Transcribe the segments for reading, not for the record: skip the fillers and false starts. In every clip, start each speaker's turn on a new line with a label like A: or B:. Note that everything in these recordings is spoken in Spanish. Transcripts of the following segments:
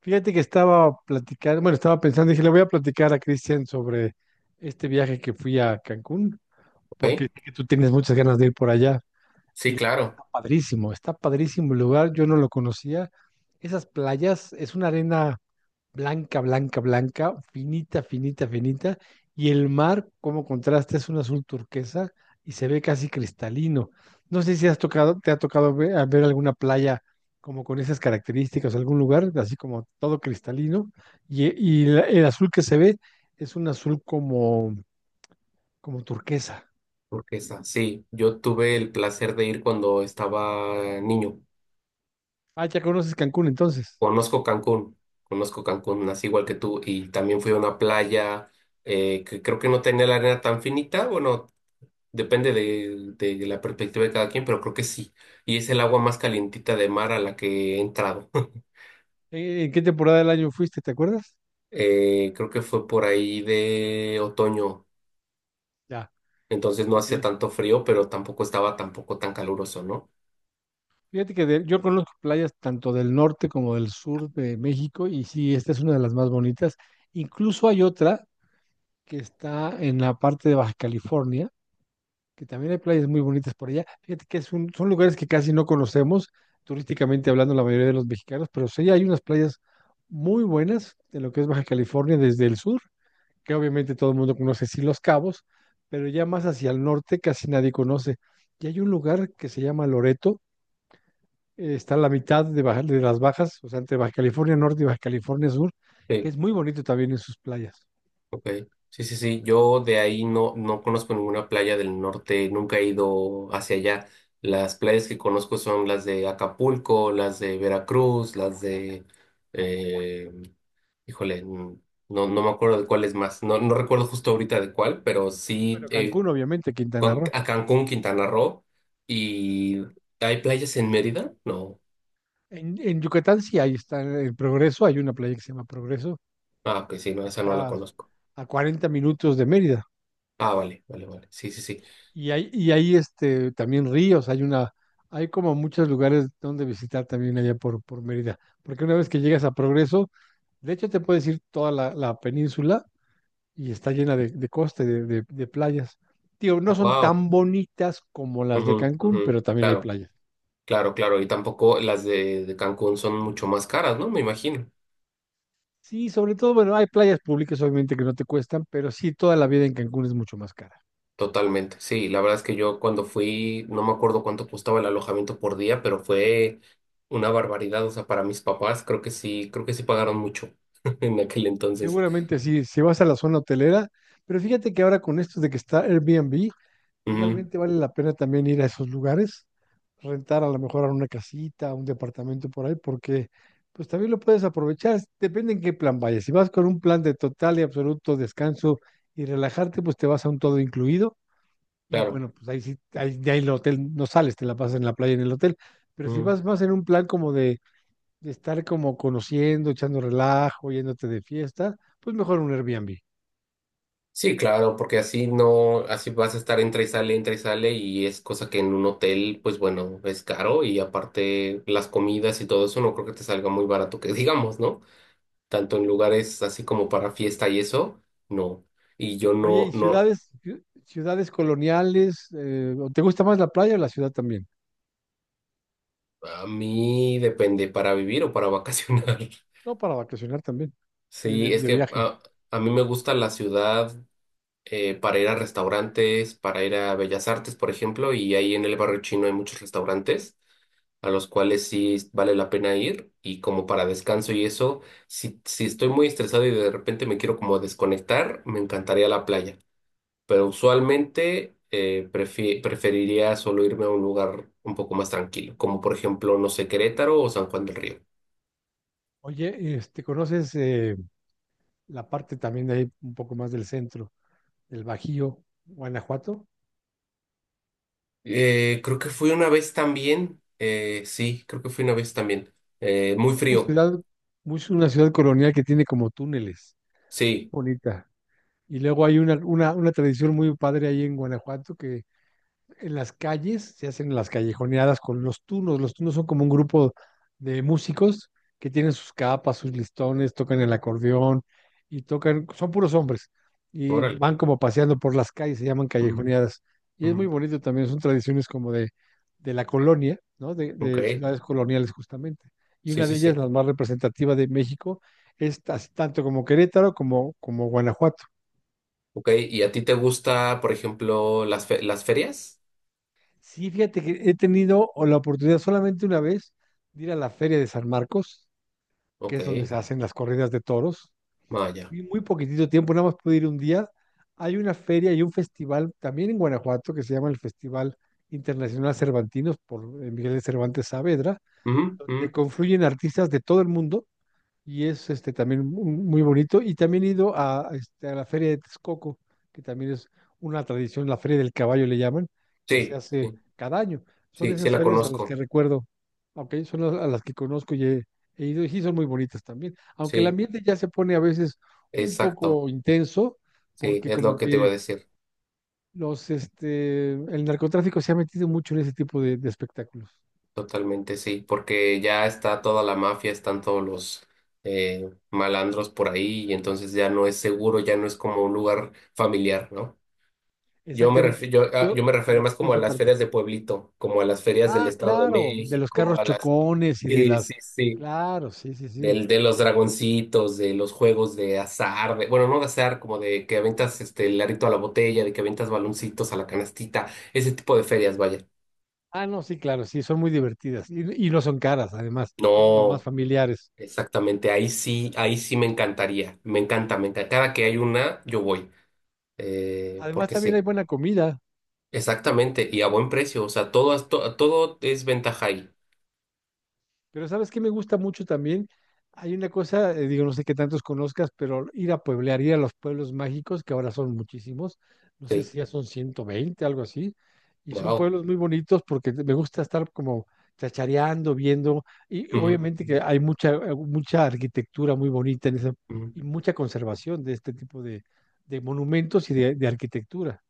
A: Fíjate que estaba platicando, bueno, estaba pensando, dije, le voy a platicar a Cristian sobre este viaje que fui a Cancún, porque
B: ¿Ve?
A: sé que tú tienes muchas ganas de ir por allá. Y
B: Sí,
A: la verdad
B: claro,
A: está padrísimo el lugar, yo no lo conocía. Esas playas, es una arena blanca, blanca, blanca, finita, finita, finita, y el mar, como contraste, es un azul turquesa y se ve casi cristalino. No sé si has tocado, te ha tocado ve- a ver, alguna playa como con esas características, algún lugar, así como todo cristalino, el azul que se ve es un azul como, como turquesa.
B: ¿porque está? Sí, yo tuve el placer de ir cuando estaba niño.
A: Ah, ya conoces Cancún entonces.
B: Conozco Cancún, conozco Cancún, nací igual que tú, y también fui a una playa que creo que no tenía la arena tan finita, bueno, depende de la perspectiva de cada quien, pero creo que sí. Y es el agua más calientita de mar a la que he entrado.
A: ¿En qué temporada del año fuiste? ¿Te acuerdas?
B: Creo que fue por ahí de otoño,
A: Ya,
B: entonces no
A: ok.
B: hacía tanto frío, pero tampoco estaba tampoco tan caluroso, ¿no?
A: Yo conozco playas tanto del norte como del sur de México y sí, esta es una de las más bonitas. Incluso hay otra que está en la parte de Baja California, que también hay playas muy bonitas por allá. Fíjate que es un- Son lugares que casi no conocemos, turísticamente hablando la mayoría de los mexicanos, pero sí hay unas playas muy buenas en lo que es Baja California desde el sur, que obviamente todo el mundo conoce, sí Los Cabos, pero ya más hacia el norte casi nadie conoce. Y hay un lugar que se llama Loreto está a la mitad de, de las bajas, o sea, entre Baja California Norte y Baja California Sur, que
B: Eh,
A: es muy bonito también en sus playas.
B: Ok, sí, sí, sí. Yo de ahí no conozco ninguna playa del norte, nunca he ido hacia allá. Las playas que conozco son las de Acapulco, las de Veracruz, las de... eh, híjole, n- no, no me acuerdo de cuál es más. No, no recuerdo justo ahorita de cuál, pero sí
A: Bueno, Cancún, obviamente, Quintana Roo.
B: A Cancún, Quintana Roo. ¿Y hay playas en Mérida? No.
A: En Yucatán sí, ahí está el Progreso, hay una playa que se llama Progreso,
B: Ah, ok, sí, no, esa no la
A: está
B: conozco.
A: a 40 minutos de Mérida.
B: Ah, vale, vale, vale. Sí, sí, sí.
A: Y hay este, también ríos, hay una, hay como muchos lugares donde visitar también allá por Mérida. Porque una vez que llegas a Progreso, de hecho te puedes ir toda la península y está llena de costa, y de playas. Tío no son
B: Wow.
A: tan bonitas como las de Cancún, pero también hay
B: Claro.
A: playas.
B: Claro, claro, y tampoco las de Cancún son mucho más caras, ¿no? Me imagino.
A: Sí, sobre todo, bueno, hay playas públicas obviamente que no te cuestan, pero sí, toda la vida en Cancún es mucho más cara.
B: Totalmente, sí, la verdad es que yo cuando fui, no me acuerdo cuánto costaba el alojamiento por día, pero fue una barbaridad, o sea, para mis papás creo que sí pagaron mucho en aquel entonces.
A: Seguramente sí, si vas a la zona hotelera, pero fíjate que ahora con esto de que está Airbnb,
B: Ujú,
A: realmente vale la pena también ir a esos lugares, rentar a lo mejor a una casita, un departamento por ahí, porque pues también lo puedes aprovechar, depende en qué plan vayas. Si vas con un plan de total y absoluto descanso y relajarte, pues te vas a un todo incluido y
B: claro.
A: bueno, pues ahí sí, ahí, de ahí el hotel no sales, te la pasas en la playa en el hotel. Pero si
B: Ujú.
A: vas más en un plan como de estar como conociendo, echando relajo, yéndote de fiesta, pues mejor un Airbnb.
B: Sí, claro, porque así no, así vas a estar entra y sale, y es cosa que en un hotel, pues bueno, es caro, y aparte las comidas y todo eso no creo que te salga muy barato, que digamos, ¿no? Tanto en lugares así como para fiesta y eso, no. Y yo
A: Oye,
B: no,
A: ¿y
B: no,
A: ciudades, ciu- ciudades coloniales? ¿O ¿te gusta más la playa o la ciudad también?
B: a mí depende para vivir o para vacacionar.
A: No, para vacacionar también, ir
B: Sí, es
A: de
B: que
A: viaje.
B: a mí me gusta la ciudad para ir a restaurantes, para ir a Bellas Artes, por ejemplo, y ahí en el barrio chino hay muchos restaurantes a los cuales sí vale la pena ir y como para descanso y eso, si estoy muy estresado y de repente me quiero como desconectar, me encantaría la playa. Pero usualmente preferiría solo irme a un lugar un poco más tranquilo, como por ejemplo, no sé, Querétaro o San Juan del Río.
A: Oye, este, ¿conoces la parte también de ahí, un poco más del centro, del Bajío, Guanajuato?
B: Creo que fui una vez también, sí, creo que fui una vez también. Muy
A: Una
B: frío,
A: ciudad, una ciudad colonial que tiene como túneles,
B: sí,
A: bonita. Y luego hay una tradición muy padre ahí en Guanajuato que en las calles, se hacen las callejoneadas con los tunos. Los tunos son como un grupo de músicos que tienen sus capas, sus listones, tocan el acordeón y tocan, son puros hombres y
B: órale.
A: van como paseando por las calles, se llaman
B: Ujú,
A: callejoneadas. Y es
B: ujú.
A: muy bonito también, son tradiciones como de la colonia, ¿no?
B: Ok,
A: De ciudades coloniales justamente. Y
B: sí,
A: una de
B: sí,
A: ellas,
B: sí.
A: la más representativa de México, es tanto como Querétaro como Guanajuato.
B: Ok, ¿y a ti te gusta, por ejemplo, las ferias?
A: Sí, fíjate que he tenido o la oportunidad solamente una vez de ir a la Feria de San Marcos, que
B: Ok,
A: es donde se hacen las corridas de toros,
B: vaya.
A: y muy poquitito tiempo, nada más pude ir un día. Hay una feria y un festival también en Guanajuato que se llama el Festival Internacional Cervantinos por Miguel de Cervantes Saavedra,
B: Ujú,
A: donde
B: ujú.
A: confluyen artistas de todo el mundo y es este también muy bonito. Y también he ido a, este, a la Feria de Texcoco, que también es una tradición, la Feria del Caballo le llaman, que
B: Sí,
A: se hace
B: sí,
A: cada año. Son
B: sí, sí
A: esas
B: la
A: ferias a las que
B: conozco,
A: recuerdo, ok, son a las que conozco y he ido, y sí son muy bonitas también. Aunque el
B: sí,
A: ambiente ya se pone a veces un
B: exacto,
A: poco intenso,
B: sí,
A: porque
B: es lo
A: como
B: que te iba
A: que
B: a decir.
A: los, este, el narcotráfico se ha metido mucho en ese tipo de espectáculos.
B: Totalmente sí, porque ya está toda la mafia, están todos los malandros por ahí y entonces ya no es seguro, ya no es como un lugar familiar, ¿no? Yo me
A: Exactamente,
B: refi- yo, ah, yo me
A: se
B: refiero
A: le
B: más
A: quitó
B: como a
A: esa
B: las
A: parte.
B: ferias de pueblito, como a las ferias del
A: Ah,
B: Estado de
A: claro, de los
B: México,
A: carros
B: a las
A: chocones y de
B: sí, sí,
A: las...
B: sí,
A: Claro, sí, sí, sí.
B: del de los dragoncitos, de los juegos de azar, de, bueno, no de azar, como de que aventas este el arito a la botella, de que aventas baloncitos a la canastita, ese tipo de ferias, vaya.
A: Ah, no, sí, claro, sí, son muy divertidas y no son caras, además, son como más
B: No.
A: familiares.
B: Exactamente, ahí sí me encantaría, me encanta, me encanta. Cada que hay una, yo voy,
A: Además,
B: porque
A: también hay
B: sí,
A: buena comida.
B: exactamente, y a buen precio, o sea, todo, todo es ventaja ahí,
A: Pero ¿sabes qué me gusta mucho también? Hay una cosa, digo, no sé qué tantos conozcas, pero ir a pueblear, ir a los pueblos mágicos, que ahora son muchísimos, no sé
B: sí,
A: si ya son 120, algo así, y son
B: wow.
A: pueblos muy bonitos porque me gusta estar como chachareando, viendo, y obviamente que hay mucha, mucha arquitectura muy bonita en esa, y mucha conservación de este tipo de monumentos y de arquitectura.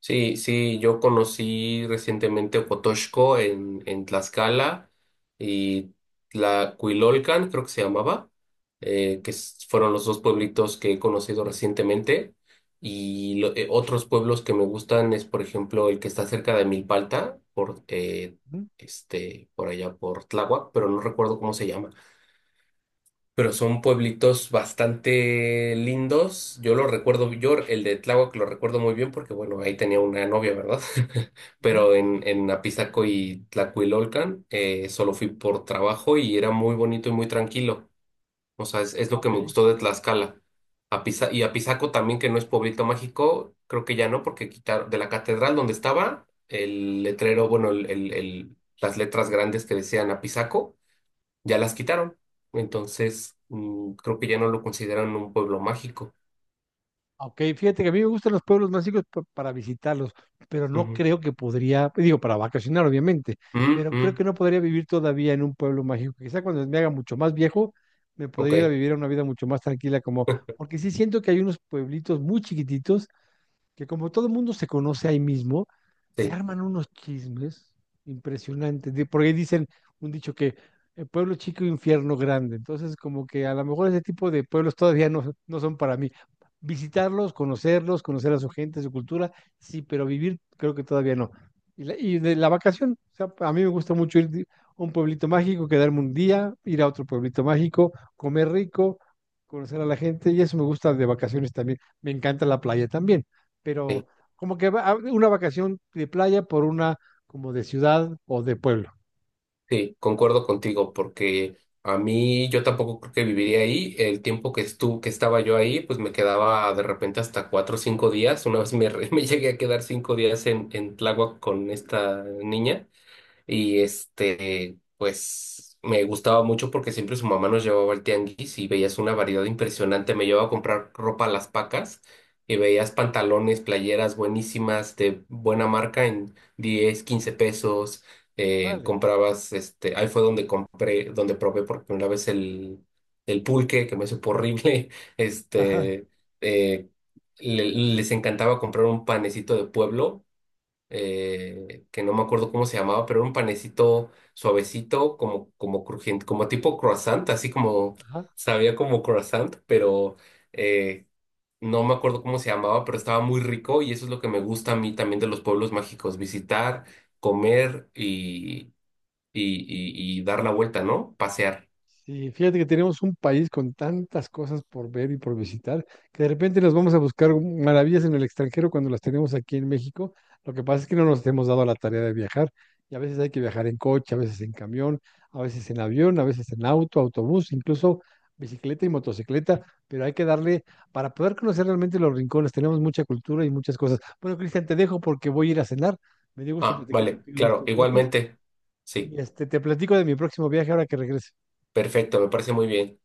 B: Sí, sí, yo conocí recientemente Ocotoxco en Tlaxcala y Tlacuilolcan, creo que se llamaba, fueron los dos pueblitos que he conocido recientemente. Y otros pueblos que me gustan es, por ejemplo, el que está cerca de Milpalta, por,
A: Ujú,
B: este, por allá por Tláhuac, pero no recuerdo cómo se llama, pero son pueblitos bastante lindos. Yo lo recuerdo, yo el de Tláhuac lo recuerdo muy bien porque, bueno, ahí tenía una novia, ¿verdad?
A: ujú.
B: Pero en Apizaco y Tlacuilolcan solo fui por trabajo y era muy bonito y muy tranquilo. O sea, es
A: Ah,
B: lo que me
A: ok.
B: gustó de Tlaxcala. Y Apizaco también, que no es pueblito mágico, creo que ya no, porque quitaron de la catedral donde estaba el letrero, bueno, las letras grandes que decían Apizaco ya las quitaron. Entonces, creo que ya no lo consideran un pueblo mágico.
A: Ok, fíjate que a mí me gustan los pueblos más chicos para visitarlos, pero no
B: Ujú.
A: creo que podría, digo, para vacacionar obviamente,
B: Mm,
A: pero creo
B: mm,
A: que no podría vivir todavía en un pueblo mágico. Quizá cuando me haga mucho más viejo, me
B: ok,
A: podría ir a vivir una vida mucho más tranquila, como, porque sí siento que hay unos pueblitos muy chiquititos que como todo el mundo se conoce ahí mismo, se
B: sí,
A: arman unos chismes impresionantes, porque dicen un dicho que pueblo chico, infierno grande. Entonces, como que a lo mejor ese tipo de pueblos todavía no, no son para mí. Visitarlos, conocerlos, conocer a su gente, su cultura, sí, pero vivir creo que todavía no. Y, de la vacación, o sea, a mí me gusta mucho ir a un pueblito mágico, quedarme un día, ir a otro pueblito mágico, comer rico, conocer a la gente, y eso me gusta de vacaciones también. Me encanta la playa también
B: sí,
A: pero como que una vacación de playa por una como de ciudad o de pueblo.
B: sí, concuerdo contigo, porque a mí yo tampoco creo que viviría ahí. El tiempo que estaba yo ahí, pues me quedaba de repente hasta 4 o 5 días. Una vez me llegué a quedar 5 días en Tláhuac con esta niña. Y este, pues me gustaba mucho porque siempre su mamá nos llevaba al tianguis y veías una variedad impresionante. Me llevaba a comprar ropa a las pacas y veías pantalones, playeras buenísimas de buena marca en 10 15 pesos.
A: Órale.
B: Comprabas, este, ahí fue donde donde probé por primera vez el pulque, que me supo horrible.
A: Ajá,
B: Este, eh, les encantaba comprar un panecito de pueblo que no me acuerdo cómo se llamaba, pero era un panecito suavecito, como, como crujiente, como tipo croissant, así como
A: ajá.
B: sabía como croissant, pero eh, no me acuerdo cómo se llamaba, pero estaba muy rico y eso es lo que me gusta a mí también de los pueblos mágicos, visitar, comer y, y, y dar la vuelta, ¿no? Pasear.
A: Sí, fíjate que tenemos un país con tantas cosas por ver y por visitar, que de repente nos vamos a buscar maravillas en el extranjero cuando las tenemos aquí en México. Lo que pasa es que no nos hemos dado a la tarea de viajar y a veces hay que viajar en coche, a veces en camión, a veces en avión, a veces en auto, autobús, incluso bicicleta y motocicleta, pero hay que darle para poder conocer realmente los rincones. Tenemos mucha cultura y muchas cosas. Bueno, Cristian, te dejo porque voy a ir a cenar. Me dio gusto
B: Ah,
A: platicar
B: vale,
A: contigo de
B: claro,
A: estos viajes
B: igualmente. Sí,
A: y este, te platico de mi próximo viaje ahora que regrese.
B: perfecto, me parece muy bien.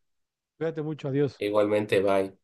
A: Cuídate mucho, adiós.
B: Igualmente, bye.